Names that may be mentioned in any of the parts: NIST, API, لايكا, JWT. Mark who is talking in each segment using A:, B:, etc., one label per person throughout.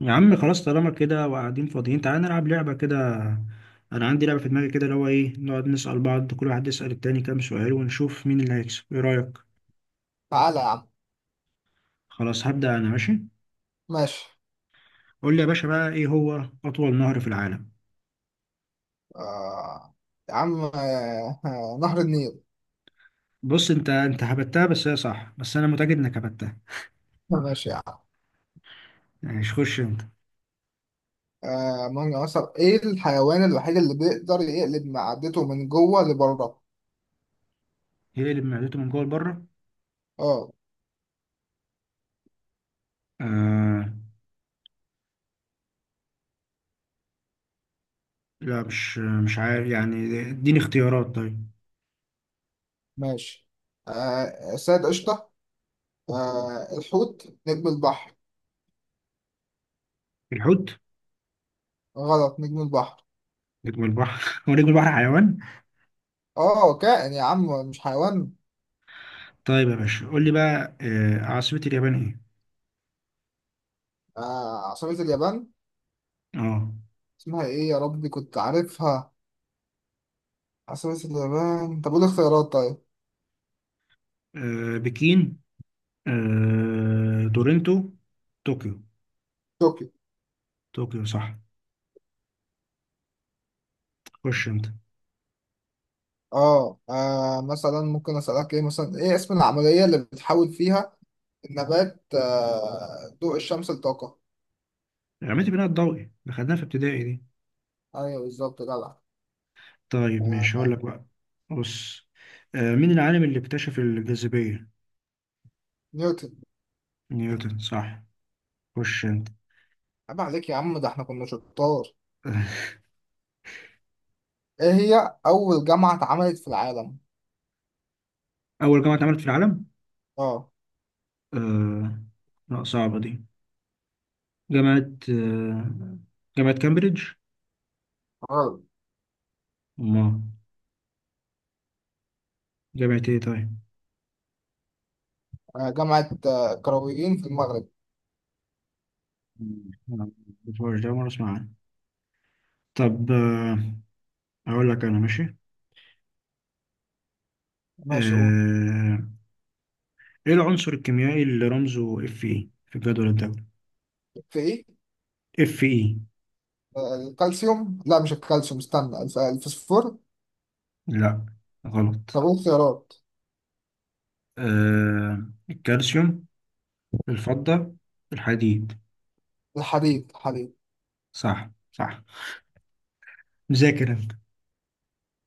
A: يا عم خلاص طالما كده وقاعدين فاضيين، تعالى نلعب لعبة كده. أنا عندي لعبة في دماغي كده، اللي هو إيه، نقعد نسأل بعض، كل واحد يسأل التاني كام سؤال ونشوف مين اللي هيكسب. إيه رأيك؟
B: تعالى يا عم.
A: خلاص هبدأ أنا، ماشي.
B: ماشي.
A: قول لي يا باشا بقى، إيه هو أطول نهر في العالم؟
B: آه. يا عم، نهر النيل.
A: بص، أنت هبتها، بس هي صح، بس أنا متأكد إنك هبتها.
B: ماشي يا عم.
A: يعني مش خش أنت.
B: مانجا، مثلا ايه الحيوان الوحيد اللي بيقدر يقلب معدته من جوه لبره؟
A: يقلب معدته من جوه لبره؟
B: اه.
A: آه لا، مش عارف يعني، اديني اختيارات طيب.
B: ماشي. سيد قشطة. الحوت، نجم البحر.
A: الحوت،
B: غلط، نجم البحر.
A: نجم البحر. هو نجم البحر حيوان؟
B: اه، كائن يا عم مش حيوان.
A: طيب يا باشا قول لي بقى، عاصمة اليابان إيه؟
B: عصافير اليابان.
A: اه،
B: اسمها ايه يا ربي؟ كنت عارفها. عصافير اليابان. طب قول اختيارات، طيب.
A: بكين، تورنتو، طوكيو.
B: طوكيو.
A: طوكيو صح. خش انت.
B: اه، مثلا ممكن اسالك ايه؟ مثلا ايه اسم العمليه اللي بتحول فيها النبات ضوء الشمس لطاقه؟
A: عملت بناء الضوئي، ده خدناها في ابتدائي دي.
B: ايوه، بالظبط، جدع.
A: طيب
B: آه،
A: ماشي هقول لك بقى. بص، مين العالم اللي اكتشف الجاذبية؟
B: نيوتن.
A: نيوتن صح. خش انت.
B: عيب عليك يا عم، ده احنا كنا شطار. ايه هي اول جامعه اتعملت في العالم؟
A: أول جامعة اتعملت في العالم؟
B: اه.
A: آه، لا صعبة دي. جامعة جامعة كامبريدج.
B: غلط.
A: ما، جامعة ايه طيب؟
B: جامعه قرويين في المغرب.
A: لا، مش ده، مرة اسمع عنها. طب هقول لك انا، ماشي.
B: ماشي، قول.
A: آه، ايه العنصر الكيميائي اللي رمزه اف اي في الجدول الدوري؟
B: في ايه؟
A: اف اي.
B: الكالسيوم. لا، مش الكالسيوم، استنى، الفوسفور.
A: لا
B: طب
A: غلط.
B: قول خيارات.
A: الكالسيوم، الفضة، الحديد.
B: الحديد، الحديد.
A: صح صح. مذاكر انت.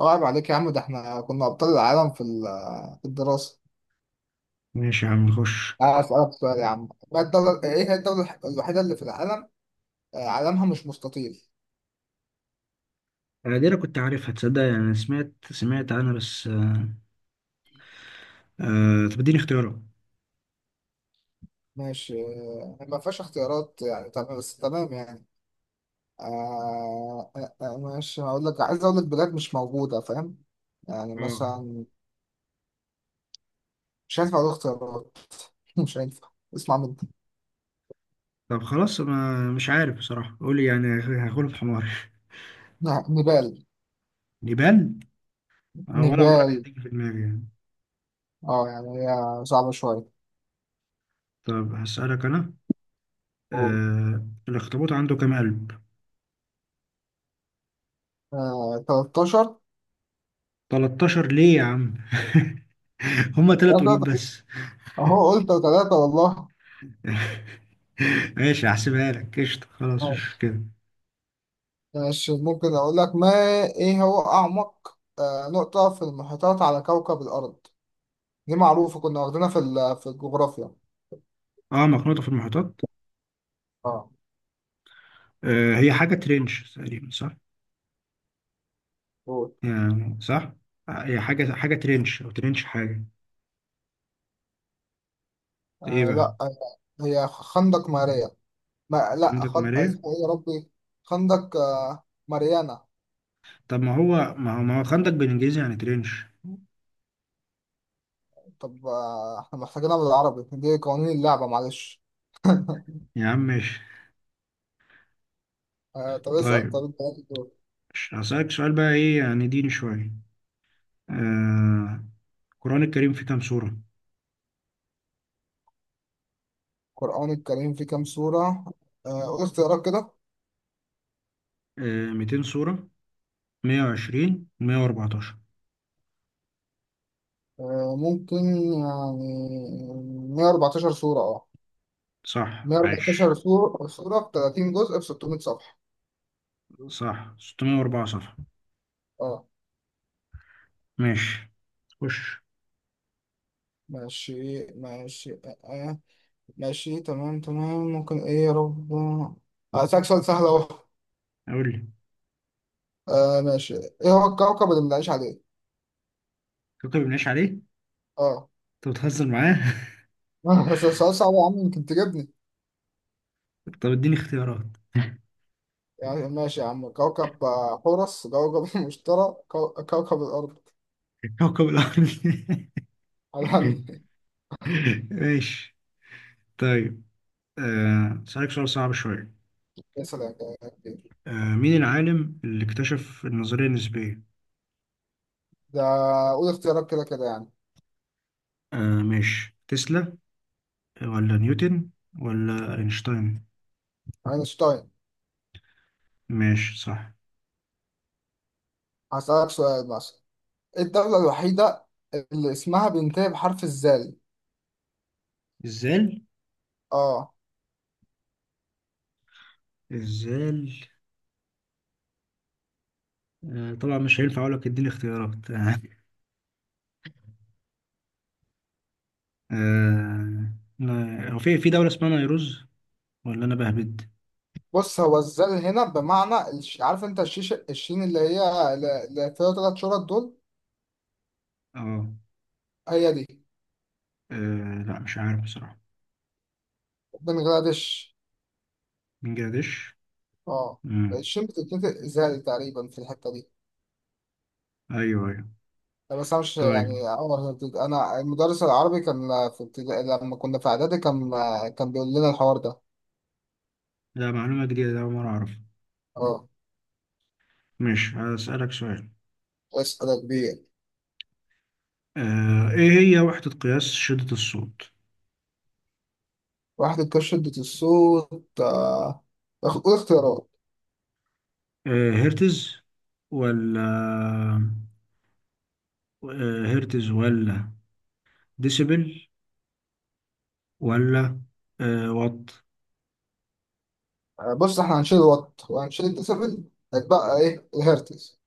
B: اه، عيب عليك يا عم، ده احنا كنا ابطال العالم في الدراسه.
A: ماشي يا عم، خش.
B: أسألك سؤال يا عم. ما الدولة، إيه هي الدولة الوحيدة اللي في العالم علمها مش مستطيل؟
A: انا دي انا كنت عارفها تصدق، يعني انا سمعت عنها، بس طب اديني اختيارات.
B: ماشي، ما فيهاش اختيارات يعني، تمام، بس تمام يعني. ماشي، هقول لك، عايز أقول لك بلاد مش موجودة، فاهم؟ يعني
A: اه.
B: مثلا. مش هينفع أقول اختيارات. مش هينفع. اسمع مني.
A: طب خلاص انا مش عارف بصراحة، قولي يعني هاخد في حماري.
B: نعم، نيبال.
A: نيبال. ولا عمرك
B: نيبال.
A: هتيجي في دماغي يعني.
B: اه، يعني هي صعبة شوية.
A: طب هسألك انا، آه، الأخطبوط عنده كام قلب؟
B: 13.
A: 13 ليه يا عم؟ هما تلات قلوب بس.
B: أهو قلت ثلاثة والله.
A: ماشي هحسبها لك قشطة، خلاص
B: آه،
A: مش كده.
B: ماشي، ممكن أقول لك. ما إيه هو أعمق نقطة في المحيطات على كوكب الأرض؟ دي معروفة، كنا واخدينها في الجغرافيا.
A: اه مخنوطة في المحيطات.
B: اه،
A: آه، هي حاجة ترنش تقريبا صح؟
B: قول.
A: يعني صح؟ هي حاجة ترنش، أو ترنش حاجة. ايه بقى؟
B: لا، هي خندق ماريا. ما لا
A: خندق ماريه؟
B: اسمه إيه يا ربي؟ خندق ماريانا.
A: طب ما هو ما هو ما هو خندق بالإنجليزي يعني ترنش.
B: طب، إحنا محتاجينها بالعربي، دي قوانين اللعبة، معلش.
A: يا عم ماشي.
B: طب اسأل،
A: طيب
B: طب أنت عايز إيه؟
A: هسألك سؤال بقى، ايه يعني ديني شوية. آه، القرآن الكريم فيه كام سورة؟
B: القرآن الكريم فيه كام سورة؟ قول اختيارات كده.
A: آه، 200 سورة، مية وعشرين، مية وأربعتاشر.
B: ممكن، يعني، 114 سورة.
A: صح، عاش.
B: 114 صورة في 30 جزء في 600 صفحة.
A: صح، ستمية وأربعة صفحة.
B: اه،
A: ماشي، خش.
B: ماشي ماشي آه. ماشي، تمام تمام. ممكن ايه يا رب؟ هسألك سؤال سهل اهو.
A: أقول لي.
B: ماشي، ايه هو الكوكب اللي بنعيش عليه؟
A: كوكب بنعيش عليه.
B: اه.
A: أنت بتهزر معاه.
B: بس السؤال صعب يا عم، يمكن تجيبني.
A: طب اديني اختيارات.
B: يعني، ماشي يا عم، كوكب حورس، كوكب المشتري، كوكب الأرض.
A: كوكب الأرض.
B: علامي.
A: ماشي. طيب، آه، أسألك سؤال صعب شوية.
B: يا سلام.
A: آه، مين العالم اللي اكتشف النظرية النسبية؟
B: ده قول اختيارات كده كده يعني.
A: ماشي، تسلا، ولا نيوتن، ولا أينشتاين؟
B: أينشتاين.
A: ماشي صح.
B: هسألك سؤال مثلا. الدولة الوحيدة اللي اسمها بينتهي بحرف الزال.
A: الزال.
B: اه.
A: الزال. آه، طبعا مش هينفع اقول لك اديني اختيارات. آه، لا، هو في في دولة اسمها نيروز، ولا انا بهبد؟
B: بص، هو الزال هنا بمعنى عارف انت الشيش، الشين اللي هي اللي فيها تلات شرط دول.
A: اه.
B: هي دي.
A: لا مش عارف بصراحة.
B: بنغلاديش.
A: بنجلاديش.
B: اه.
A: مم.
B: الشين بتتنطق زال تقريبا في الحتة دي.
A: ايوه ايوه.
B: لا، بس انا مش
A: طيب.
B: يعني انا المدرس العربي كان في ابتدائي، لما كنا في اعدادي كان. كان بيقول لنا الحوار ده.
A: لا، معلومة جديدة ده، أول مرة اعرف.
B: اه.
A: مش هسألك سؤال.
B: اسأل يا كبير.
A: ايه هي وحدة قياس شدة الصوت؟
B: واحد الكشف شدة الصوت. قول اختيارات.
A: هرتز، ولا هرتز، ولا ديسيبل، ولا وات؟
B: بص، احنا هنشيل الوات وهنشيل الديسيبل. هيتبقى ايه؟ الهرتز.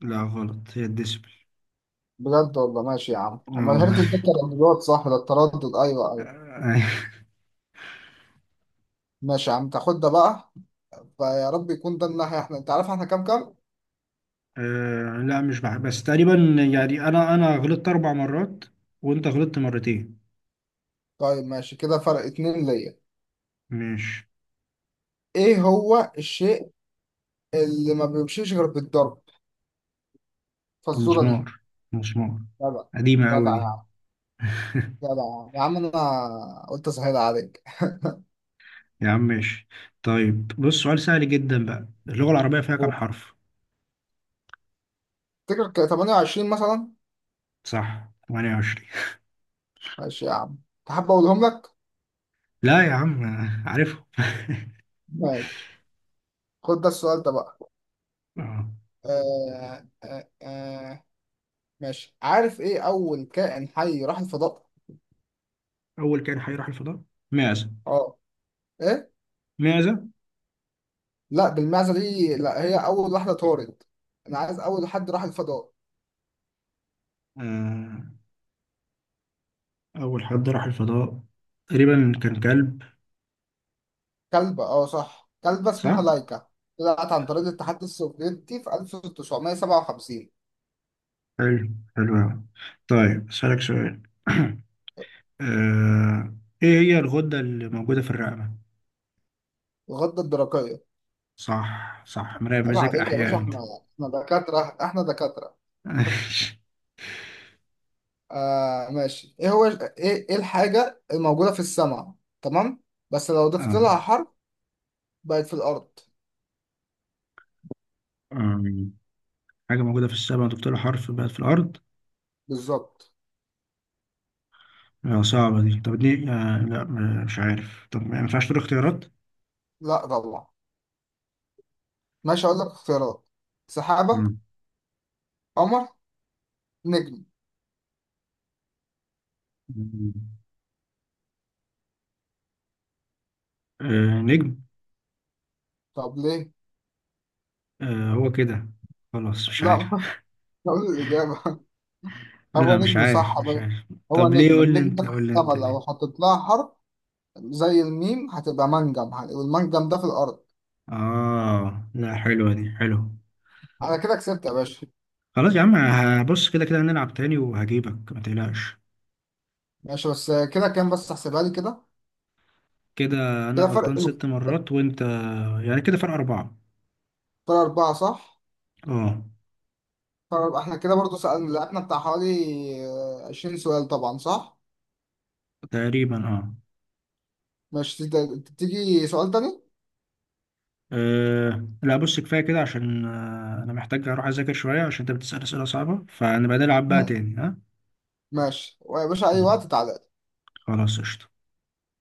A: لا غلط، هي الديسيبل.
B: بجد والله. ماشي يا عم،
A: اه
B: اما الهرتز ده
A: والله.
B: كان الوات، صح ده التردد، ايوه ايوه. ماشي يا عم، تاخد ده بقى. فيا رب يكون ده الناحية. احنا انت عارف احنا كام كام.
A: لا مش بح... بس تقريبا يعني، انا غلطت اربع مرات، وانت غلطت مرتين.
B: طيب ماشي، كده فرق اتنين ليا.
A: ماشي.
B: ايه هو الشيء اللي ما بيمشيش غير بالضرب فالزورة
A: مسمار.
B: دي؟
A: مسمار.
B: جدع.
A: قديمة
B: جدع
A: أوي
B: يا
A: دي.
B: عم. جدع. يا عم انا قلت اسهل عليك.
A: يا عم ماشي. طيب بص، سؤال سهل جدا بقى، اللغة العربية فيها كام حرف؟
B: تفتكر 28 مثلا.
A: صح، 28.
B: ماشي يا عم. تحب اقولهم لك؟
A: لا يا عم، عارفهم.
B: ماشي. خد ده السؤال ده بقى.
A: آه.
B: آه آه آه ماشي، عارف ايه اول كائن حي راح الفضاء؟
A: أول كائن حي راح الفضاء. معزة.
B: اه. ايه؟
A: معزة.
B: لا بالمعزه دي، لا هي اول واحده طارت. انا عايز اول حد راح الفضاء.
A: آه. أول حد راح الفضاء، تقريبا كان كلب،
B: كلبه، اه صح، كلبه اسمها
A: صح؟
B: لايكا. طلعت عن طريق الاتحاد السوفيتي في 1957.
A: حلو. حلو أوي. طيب أسألك سؤال. آه، ايه هي الغدة اللي موجودة في الرقبة؟
B: الغده الدرقيه.
A: صح صح، مراقب
B: عيب
A: مذاكر
B: عليك يا
A: احياء
B: باشا،
A: انت.
B: احنا، احنا دكاتره، احنا دكاتره. ماشي، ايه هو ايه، ايه الحاجه الموجوده في السماء، تمام، بس لو ضفت لها
A: اه.
B: حرف بقت في الارض؟
A: آم، حاجة موجودة في السماء وضفت لها حرف بقت في الأرض؟
B: بالظبط.
A: آه، صعبة دي، طب دي آه لا مش عارف، طب ما ينفعش تقول اختيارات؟
B: لا طبعا. ماشي، اقول لك اختيارات. سحابة،
A: مم.
B: قمر، نجم.
A: آه، نجم.
B: طب ليه؟
A: آه، هو كده، خلاص مش
B: لا،
A: عارف.
B: ما. اقول الإجابة.
A: لا
B: هو
A: مش
B: نجم، صح
A: عارف، مش
B: أبدا.
A: عارف.
B: هو
A: طب ليه؟
B: نجم،
A: قول لي
B: النجم ده
A: انت،
B: في
A: قول لي
B: السما،
A: انت
B: لو
A: ليه.
B: حطيت لها حرف زي الميم هتبقى منجم، والمنجم ده في الأرض.
A: اه لا، حلوة دي، حلوة.
B: أنا كده كسبت يا باشا.
A: خلاص يا عم، هبص كده. كده هنلعب تاني وهجيبك ما تقلقش.
B: ماشي، بس كده كام؟ بس احسبها لي كده.
A: كده انا
B: كده
A: غلطان
B: فرق.
A: ست مرات، وانت، يعني كده فرق اربعة.
B: فرق أربعة صح؟
A: اه
B: فرق أربعة. إحنا كده برضو سألنا لعبنا بتاع حوالي 20 سؤال طبعا صح؟
A: تقريبا اه.
B: ماشي، تيجي سؤال تاني؟
A: أه لا بص، كفاية كده، عشان أنا محتاج أروح أذاكر شوية، عشان أنت بتسأل أسئلة صعبة، فنبقى نلعب بقى
B: لا.
A: تاني، ها؟
B: ماشي، ويا باشا أي
A: مم.
B: وقت تعالى.
A: خلاص قشطة.